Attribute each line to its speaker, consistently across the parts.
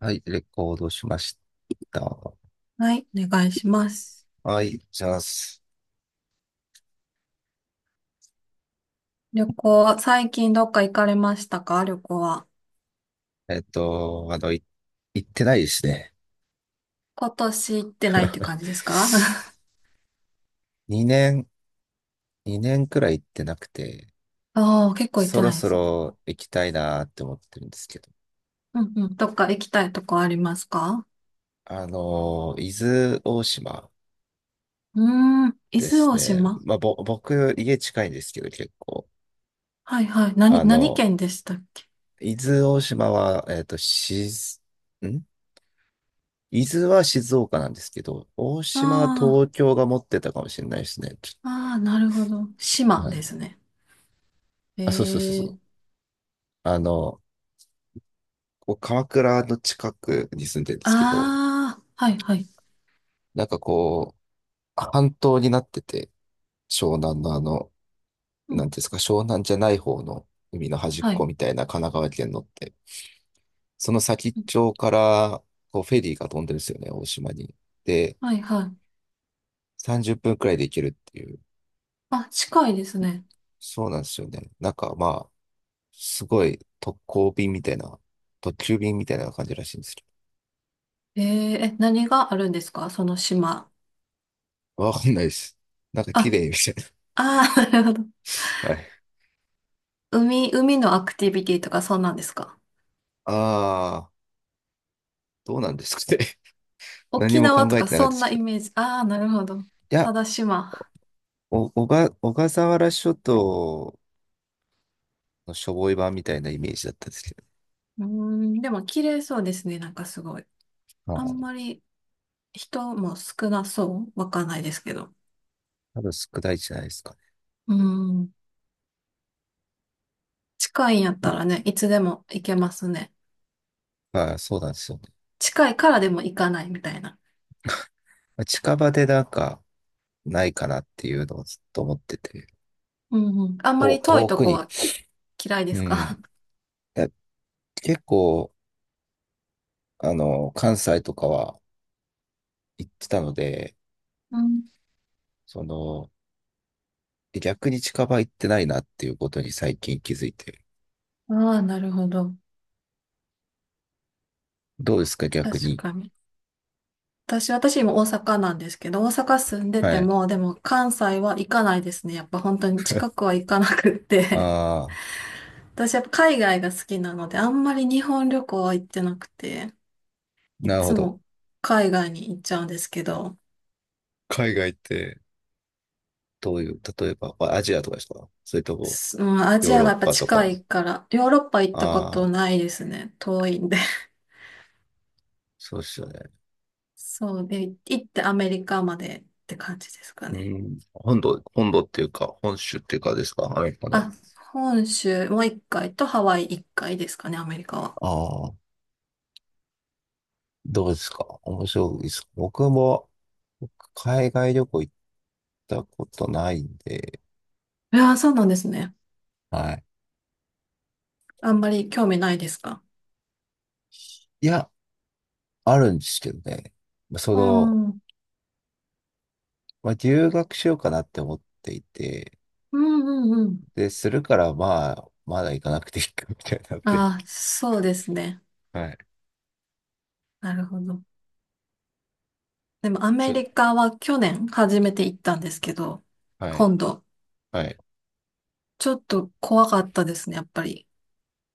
Speaker 1: はい、レコードしました。
Speaker 2: はい、お願いします。
Speaker 1: はい、じゃあ、
Speaker 2: 旅行、最近どっか行かれましたか、旅行は？
Speaker 1: えっと、あの、い、行ってないですね。
Speaker 2: 今年行ってないって感じですか？
Speaker 1: 2年、2年くらい行ってなくて、
Speaker 2: ああー、結構行っ
Speaker 1: そ
Speaker 2: て
Speaker 1: ろ
Speaker 2: ないで
Speaker 1: そ
Speaker 2: すね。
Speaker 1: ろ行きたいなって思ってるんですけど。
Speaker 2: うんうん。どっか行きたいとこありますか？
Speaker 1: 伊豆大島
Speaker 2: うーん、伊
Speaker 1: で
Speaker 2: 豆
Speaker 1: す
Speaker 2: 大
Speaker 1: ね。
Speaker 2: 島。
Speaker 1: まあ、僕、家近いんですけど、結構。
Speaker 2: はいはい。何、
Speaker 1: あ
Speaker 2: 何
Speaker 1: の、
Speaker 2: 県でしたっけ？
Speaker 1: 伊豆大島は、えっと、しず、ん伊豆は静岡なんですけど、大島は
Speaker 2: あ
Speaker 1: 東京が持ってたかもしれないですね。
Speaker 2: あ、ああ、なるほど。島
Speaker 1: はい。
Speaker 2: ですね。
Speaker 1: あ、そうそうそ
Speaker 2: え
Speaker 1: う。
Speaker 2: え。
Speaker 1: あの、こう鎌倉の近くに住んでるんですけど、
Speaker 2: ああ、はいはい。
Speaker 1: なんかこう、半島になってて、湘南の
Speaker 2: うん、
Speaker 1: なんていうんですか、湘南じゃない方の海の端っ
Speaker 2: は
Speaker 1: こ
Speaker 2: い。
Speaker 1: みたいな神奈川県のって、その先っ
Speaker 2: うん。
Speaker 1: ちょから、こう、フェリーが飛んでるんですよね、大島に。で、
Speaker 2: はいはい。
Speaker 1: 30分くらいで行けるっていう。
Speaker 2: あ、近いですね。
Speaker 1: そうなんですよね。なんかまあ、すごい特攻便みたいな、特急便みたいな感じらしいんですけ
Speaker 2: えー、え、何があるんですかその島？
Speaker 1: ど。わかんないです。なんか
Speaker 2: あ、
Speaker 1: 綺麗みたい
Speaker 2: ああ、なるほど。
Speaker 1: な。はい。
Speaker 2: 海のアクティビティとかそんなんですか？
Speaker 1: あ、どうなんですかね。何
Speaker 2: 沖
Speaker 1: も考
Speaker 2: 縄と
Speaker 1: え
Speaker 2: か
Speaker 1: てなかった
Speaker 2: そ
Speaker 1: で
Speaker 2: んな
Speaker 1: すけ
Speaker 2: イ
Speaker 1: ど。
Speaker 2: メージ。ああ、なるほど。
Speaker 1: いや、
Speaker 2: ただ島。
Speaker 1: お、小が、小笠原諸島のしょぼい版みたいなイメージだったんですけ
Speaker 2: うーん、でも綺麗そうですね。なんかすごい。
Speaker 1: ど。は
Speaker 2: あん
Speaker 1: い。
Speaker 2: まり人も少なそう。わかんないですけど。
Speaker 1: 多分少ないじゃないですか
Speaker 2: うーん、近いんやっ
Speaker 1: ね。
Speaker 2: たらね、いつでも行けますね。
Speaker 1: まあ、そうなんですよね。
Speaker 2: 近いからでも行かないみたいな。
Speaker 1: まあ近場でなんか、ないかなっていうのをずっと思ってて。
Speaker 2: うんうん。あんまり遠い
Speaker 1: 遠
Speaker 2: と
Speaker 1: く
Speaker 2: こ
Speaker 1: に。
Speaker 2: は嫌いで
Speaker 1: う
Speaker 2: す
Speaker 1: ん。
Speaker 2: か？
Speaker 1: や結構、関西とかは行ってたので、
Speaker 2: うん。
Speaker 1: その、逆に近場行ってないなっていうことに最近気づいて。
Speaker 2: ああ、なるほど。
Speaker 1: どうですか、逆
Speaker 2: 確
Speaker 1: に。
Speaker 2: かに。私今大阪なんですけど、大阪住んで
Speaker 1: は
Speaker 2: て
Speaker 1: い。
Speaker 2: も、でも関西は行かないですね。やっぱ本当に近 くは行かなくっ
Speaker 1: あ
Speaker 2: て。
Speaker 1: あ。
Speaker 2: 私やっぱ海外が好きなので、あんまり日本旅行は行ってなくて、い
Speaker 1: なるほ
Speaker 2: つ
Speaker 1: ど。
Speaker 2: も海外に行っちゃうんですけど、
Speaker 1: 海外って、どういう、例えば、まあアジアとかですか？それとも、
Speaker 2: すうん、アジ
Speaker 1: ヨー
Speaker 2: ア
Speaker 1: ロ
Speaker 2: が
Speaker 1: ッ
Speaker 2: やっぱ
Speaker 1: パと
Speaker 2: 近
Speaker 1: か。
Speaker 2: いから、ヨーロッパ行ったこ
Speaker 1: あ
Speaker 2: と
Speaker 1: あ、
Speaker 2: ないですね。遠いんで。
Speaker 1: そうですよね。
Speaker 2: そうで、行ってアメリカまでって感じですか
Speaker 1: う
Speaker 2: ね。
Speaker 1: ん。本土っていうか、本州っていうかですか？アメリカの。
Speaker 2: あ、本州もう一回とハワイ一回ですかね、アメリカは。
Speaker 1: ああ、どうですか？面白いです？僕海外旅行行ったことないんで、
Speaker 2: いやー、そうなんですね。
Speaker 1: はい。
Speaker 2: あんまり興味ないですか？
Speaker 1: いや、あるんですけどね。そ
Speaker 2: う
Speaker 1: の、
Speaker 2: ん。うん
Speaker 1: まあ、留学しようかなって思っていて、
Speaker 2: うんうん。
Speaker 1: で、するから、まあ、まだ行かなくていいかみたいになって。
Speaker 2: ああ、そうですね。
Speaker 1: はい。
Speaker 2: なるほど。でもアメ
Speaker 1: そ、
Speaker 2: リカは去年初めて行ったんですけど、
Speaker 1: はい。
Speaker 2: 今度、
Speaker 1: はい。
Speaker 2: ちょっと怖かったですね、やっぱり。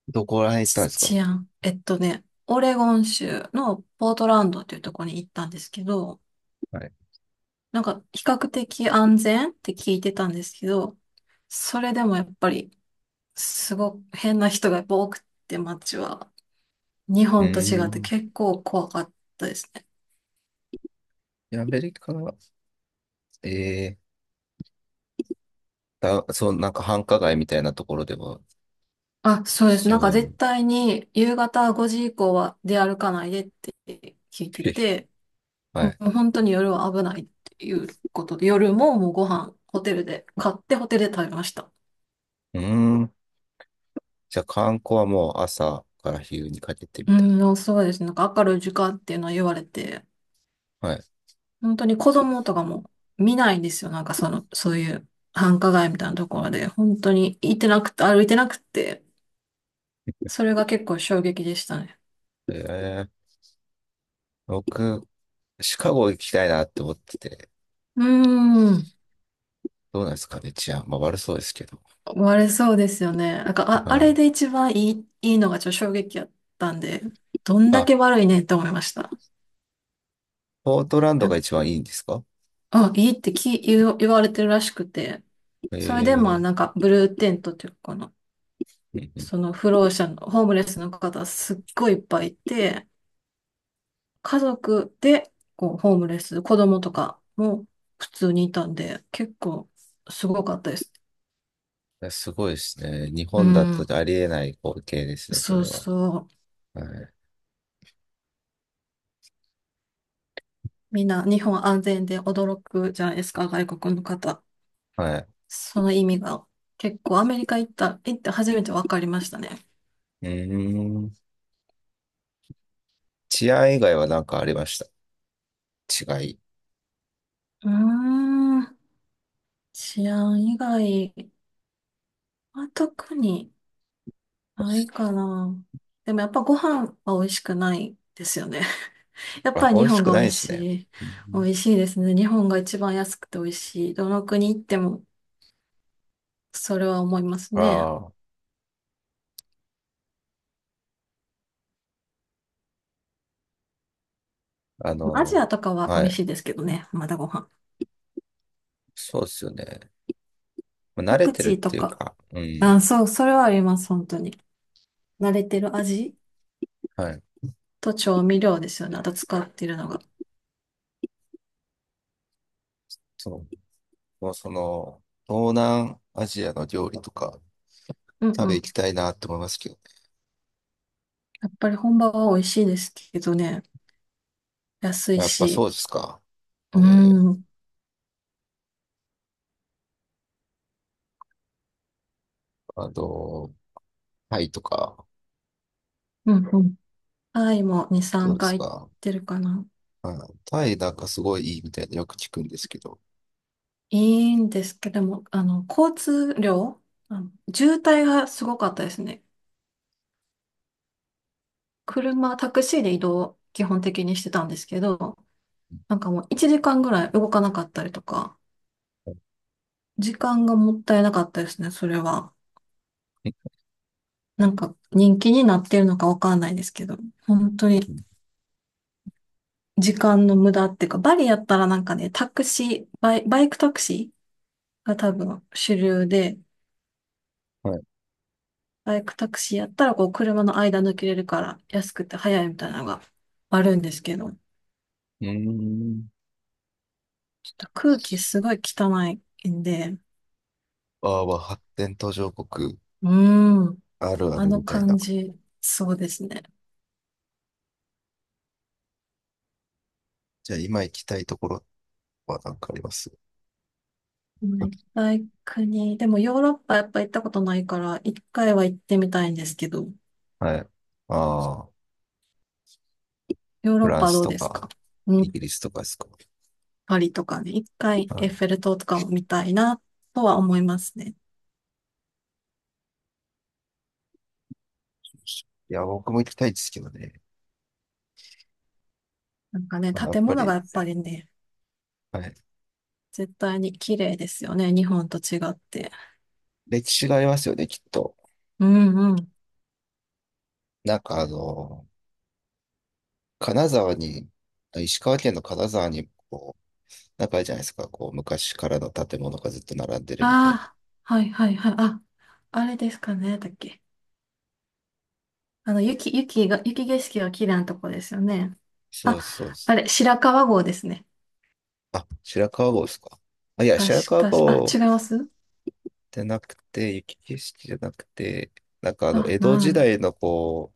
Speaker 1: どこら辺行ったんですか？
Speaker 2: 治安。オレゴン州のポートランドというところに行ったんですけど、
Speaker 1: はい。
Speaker 2: なんか比較的安全って聞いてたんですけど、それでもやっぱり、すごく変な人がやっぱ多くて街は。日
Speaker 1: う
Speaker 2: 本と
Speaker 1: ー
Speaker 2: 違って
Speaker 1: ん。
Speaker 2: 結構怖かったですね。
Speaker 1: アメリカ、えそう、なんか繁華街みたいなところでは、
Speaker 2: あ、そうです。なん
Speaker 1: そ
Speaker 2: か
Speaker 1: うい
Speaker 2: 絶
Speaker 1: う。
Speaker 2: 対に夕方5時以降は出歩かないでって聞いて
Speaker 1: え
Speaker 2: て、
Speaker 1: は
Speaker 2: も
Speaker 1: い。
Speaker 2: う本当に夜は危ないっていうことで、夜ももうご飯ホテルで買ってホテルで食べました。
Speaker 1: うーん。じゃあ観光はもう朝から昼にかけてみ
Speaker 2: う
Speaker 1: たい。
Speaker 2: ん、でもそうですね。なんか明るい時間っていうのは言われて、
Speaker 1: はい。
Speaker 2: 本当に子供とかも見ないんですよ。なんかその、そういう繁華街みたいなところで、本当に行ってなくて、歩いてなくて、それが結構衝撃でしたね。
Speaker 1: えー、僕、シカゴ行きたいなって思ってて、
Speaker 2: うーん。
Speaker 1: どうなんですかね、治安。まあ悪そうですけど。
Speaker 2: 割れそうですよね。なんか、
Speaker 1: は
Speaker 2: あ、あれ
Speaker 1: い。
Speaker 2: で一番いいのがちょっと衝撃やったんで、どんだ
Speaker 1: あ、
Speaker 2: け悪いねって思いました。
Speaker 1: ポートランド
Speaker 2: な
Speaker 1: が
Speaker 2: ん
Speaker 1: 一番いいんですか？
Speaker 2: あ、いいってき言う、言われてるらしくて、
Speaker 1: え
Speaker 2: それでまあなん
Speaker 1: ー、
Speaker 2: かブルーテントっていうかな、
Speaker 1: うんうん。い
Speaker 2: その不老者の、ホームレスの方すっごいいっぱいいて、家族でこうホームレス、子供とかも普通にいたんで、結構すごかったです。
Speaker 1: や、すごいですね。日
Speaker 2: う
Speaker 1: 本だと
Speaker 2: ん、
Speaker 1: ありえない光景ですね、そ
Speaker 2: そう
Speaker 1: れは。
Speaker 2: そう。
Speaker 1: はい
Speaker 2: みんな日本安全で驚くじゃないですか、外国の方。
Speaker 1: はい。
Speaker 2: その意味が結構アメリカ行って初めて分かりましたね。
Speaker 1: うーん。治安以外は何かありました？違い。
Speaker 2: うーん、治安以外は特にないかな。でもやっぱご飯は美味しくないですよね。やっ
Speaker 1: あ、
Speaker 2: ぱり
Speaker 1: 美
Speaker 2: 日
Speaker 1: 味し
Speaker 2: 本
Speaker 1: く
Speaker 2: が
Speaker 1: ない
Speaker 2: 美
Speaker 1: で
Speaker 2: 味
Speaker 1: すね。
Speaker 2: しい。
Speaker 1: う
Speaker 2: 美
Speaker 1: ん。
Speaker 2: 味しいですね。日本が一番安くて美味しい。どの国行ってもそれは思いますね。
Speaker 1: ああ、
Speaker 2: アジアとかは美
Speaker 1: は
Speaker 2: 味し
Speaker 1: い。
Speaker 2: いですけどね。まだご飯。
Speaker 1: そうですよね。まあ慣
Speaker 2: パ
Speaker 1: れ
Speaker 2: ク
Speaker 1: てるっ
Speaker 2: チーと
Speaker 1: ていう
Speaker 2: か。
Speaker 1: か、うん。
Speaker 2: あ、そう、それはあります、本当に。慣れてる味
Speaker 1: はい。
Speaker 2: と調味料ですよね。あと使ってるのが。
Speaker 1: そう。もうその、東南アジアの料理とか
Speaker 2: うん
Speaker 1: 食
Speaker 2: う
Speaker 1: べ行き
Speaker 2: ん。
Speaker 1: たいなって思いますけどね。
Speaker 2: やっぱり本場は美味しいですけどね。安い
Speaker 1: やっぱそう
Speaker 2: し。
Speaker 1: ですか。え
Speaker 2: う
Speaker 1: ー、
Speaker 2: ん。うん
Speaker 1: あの、タイとか、
Speaker 2: うん。タイも2、
Speaker 1: ど
Speaker 2: 3
Speaker 1: うです
Speaker 2: 回行っ
Speaker 1: か？
Speaker 2: てるかな。
Speaker 1: うん。タイなんかすごいいいみたいなよく聞くんですけど。
Speaker 2: いいんですけども、交通量、渋滞がすごかったですね。車、タクシーで移動を基本的にしてたんですけど、なんかもう1時間ぐらい動かなかったりとか、
Speaker 1: う
Speaker 2: 時間がもったいなかったですね、それは。なんか人気になってるのかわかんないですけど、本当に
Speaker 1: ん、
Speaker 2: 時間の無駄っていうか、バリやったらなんかね、タクシー、バイクタクシーが多分主流で、
Speaker 1: はい。
Speaker 2: バイクタクシーやったらこう車の間抜けれるから安くて早いみたいなのがあるんですけど、
Speaker 1: うーん。
Speaker 2: ちょっと空気すごい汚いんで、
Speaker 1: あー、は発展途上国
Speaker 2: うーん、
Speaker 1: あるあ
Speaker 2: あ
Speaker 1: る
Speaker 2: の
Speaker 1: みたい
Speaker 2: 感
Speaker 1: な。
Speaker 2: じ、そうですね。
Speaker 1: じゃあ今行きたいところは何かあります？
Speaker 2: まあ行きたい国、でもヨーロッパやっぱ行ったことないから、一回は行ってみたいんですけど、
Speaker 1: はい。ああ、
Speaker 2: ヨー
Speaker 1: フ
Speaker 2: ロッ
Speaker 1: ラン
Speaker 2: パ
Speaker 1: ス
Speaker 2: どう
Speaker 1: と
Speaker 2: ですか？
Speaker 1: か、イギリスとかですか？
Speaker 2: パリとかね、一回
Speaker 1: は
Speaker 2: エッ
Speaker 1: い。
Speaker 2: フェル塔とかも見たいなとは思いますね。
Speaker 1: いや、僕も行きたいですけどね。
Speaker 2: なんかね、
Speaker 1: まあやっ
Speaker 2: 建
Speaker 1: ぱ
Speaker 2: 物が
Speaker 1: り、
Speaker 2: やっぱりね、
Speaker 1: はい。
Speaker 2: 絶対に綺麗ですよね、日本と違って。
Speaker 1: 歴史がありますよね、きっと。
Speaker 2: うんうん。
Speaker 1: なんか金沢に、石川県の金沢に、こう、なんかあるじゃないですか。こう、昔からの建物がずっと並んでる
Speaker 2: あ
Speaker 1: みたいな。
Speaker 2: あ、はいはいはい。あ、あれですかね、だっけ。雪景色が綺麗なとこですよね。
Speaker 1: そう
Speaker 2: あ、
Speaker 1: です、そうで
Speaker 2: あ
Speaker 1: す。
Speaker 2: れ、白川郷ですね。
Speaker 1: あ、白川郷ですか？あ、いや、白
Speaker 2: 確
Speaker 1: 川
Speaker 2: か、あ、違
Speaker 1: 郷
Speaker 2: います。
Speaker 1: じゃなくて、雪景色じゃなくて、なんか
Speaker 2: あ、
Speaker 1: 江戸
Speaker 2: なんや
Speaker 1: 時
Speaker 2: ろ。
Speaker 1: 代のこ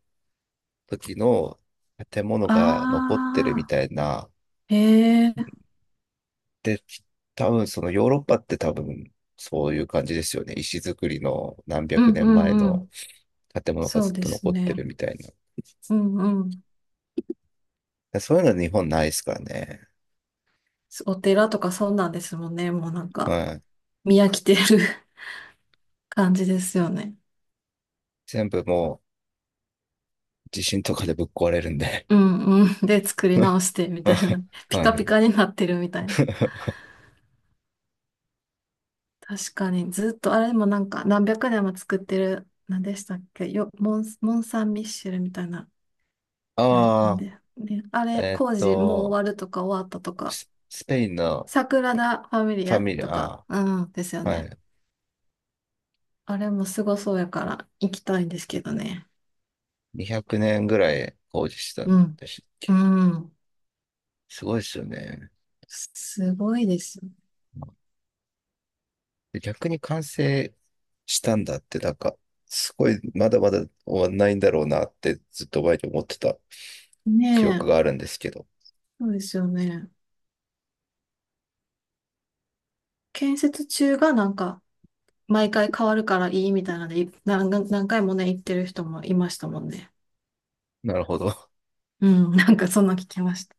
Speaker 1: う、時の建物が残ってるみ
Speaker 2: ああ、
Speaker 1: たいな。
Speaker 2: へえ、
Speaker 1: で、多分そのヨーロッパって多分そういう感じですよね。石造りの何
Speaker 2: う
Speaker 1: 百
Speaker 2: んう
Speaker 1: 年前
Speaker 2: んう
Speaker 1: の
Speaker 2: ん。
Speaker 1: 建物が
Speaker 2: そう
Speaker 1: ずっ
Speaker 2: で
Speaker 1: と
Speaker 2: す
Speaker 1: 残って
Speaker 2: ね。
Speaker 1: るみたいな。
Speaker 2: うんうん。
Speaker 1: でそういうのは日本ないですからね。
Speaker 2: お寺とかそうなんですもんね。もうなんか、
Speaker 1: はい。
Speaker 2: 見飽きてる 感じですよね。
Speaker 1: 全部もう地震とかでぶっ壊れるんで。
Speaker 2: うんうん。で、作り直してみたいな。ピカ
Speaker 1: は
Speaker 2: ピ
Speaker 1: い。
Speaker 2: カになってるみたいな。確かに、ずっと、あれでもなんか、何百年も作ってる、何でしたっけよ、モン・サン・ミッシェルみたいな。あれ、なん
Speaker 1: ああ、
Speaker 2: で、ね、あれ、
Speaker 1: えっ
Speaker 2: 工事もう
Speaker 1: と、
Speaker 2: 終わるとか終わったとか、
Speaker 1: スペインの
Speaker 2: サグラダ・ファミリ
Speaker 1: ファ
Speaker 2: ア
Speaker 1: ミリ
Speaker 2: と
Speaker 1: ア。
Speaker 2: か、うん、ですよ
Speaker 1: は
Speaker 2: ね。
Speaker 1: い。
Speaker 2: あれもすごそうやから、行きたいんですけどね。
Speaker 1: 200年ぐらい工事した
Speaker 2: う
Speaker 1: ん
Speaker 2: ん。
Speaker 1: でしたっ
Speaker 2: う
Speaker 1: け？
Speaker 2: ん。
Speaker 1: すごいですよね。
Speaker 2: すごいです
Speaker 1: で逆に完成したんだって、なんか、すごい、まだまだ終わんないんだろうなって、ずっと前に思ってた記
Speaker 2: ね
Speaker 1: 憶が
Speaker 2: え、
Speaker 1: あるんですけど。
Speaker 2: そうですよね。建設中がなんか、毎回変わるからいいみたいなので、何回もね、行ってる人もいましたもんね。
Speaker 1: なるほど。
Speaker 2: うん、なんかそんな聞きました。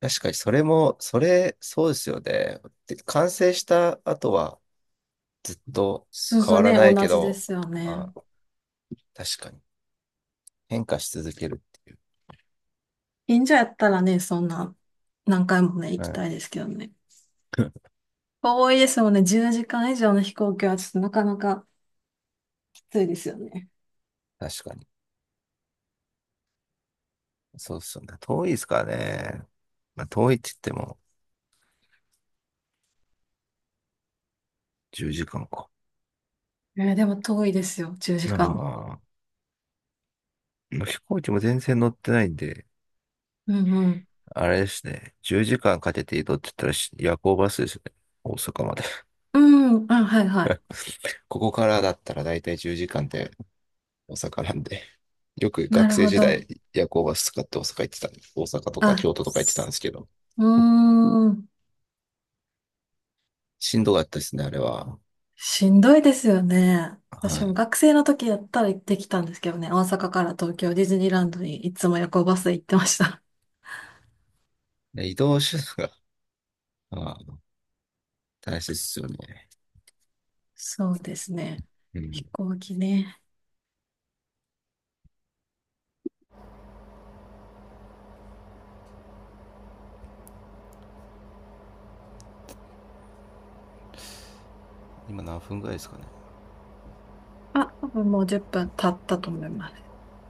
Speaker 1: 確かに、それも、そうですよね。で、完成した後は、ずっと
Speaker 2: そう
Speaker 1: 変
Speaker 2: そう
Speaker 1: わら
Speaker 2: ね、
Speaker 1: ない
Speaker 2: 同
Speaker 1: け
Speaker 2: じで
Speaker 1: ど、
Speaker 2: すよ
Speaker 1: ま
Speaker 2: ね。
Speaker 1: あ、確かに、変化し続けるっていう。
Speaker 2: 近所やったらね、そんな、何回もね、行
Speaker 1: う
Speaker 2: き
Speaker 1: ん。
Speaker 2: たいですけどね。遠いですもんね、10時間以上の飛行機はちょっとなかなかきついですよね。
Speaker 1: 確かに。そうですよね。遠いですからね。まあ、遠いって言っても、10時間かんか。
Speaker 2: でも遠いですよ、10時
Speaker 1: ま
Speaker 2: 間。
Speaker 1: あ、飛行機も全然乗ってないんで、
Speaker 2: うんうん。
Speaker 1: あれですね。10時間かんかけて移動って言ったら夜行バスですね。大阪まで。
Speaker 2: うん、あ、はいはい。
Speaker 1: ここからだったら大体10時間で大阪なんで。よく
Speaker 2: な
Speaker 1: 学
Speaker 2: る
Speaker 1: 生
Speaker 2: ほ
Speaker 1: 時代
Speaker 2: ど。
Speaker 1: 夜行バス使って大阪行ってたんです。大阪とか
Speaker 2: あ、
Speaker 1: 京都とか行ってたんですけど。
Speaker 2: うーん。
Speaker 1: しんどかったですね、あれは。
Speaker 2: しんどいですよね。私
Speaker 1: は
Speaker 2: も学生の時やったら行ってきたんですけどね、大阪から東京ディズニーランドにいつも夜行バスで行ってました。
Speaker 1: い。で移動手段が、まあ、大切ですよね。
Speaker 2: そうですね。
Speaker 1: う
Speaker 2: 飛
Speaker 1: ん。
Speaker 2: 行機ね。
Speaker 1: 今何分ぐらいですかね？
Speaker 2: あ、多分もう10分経ったと思います。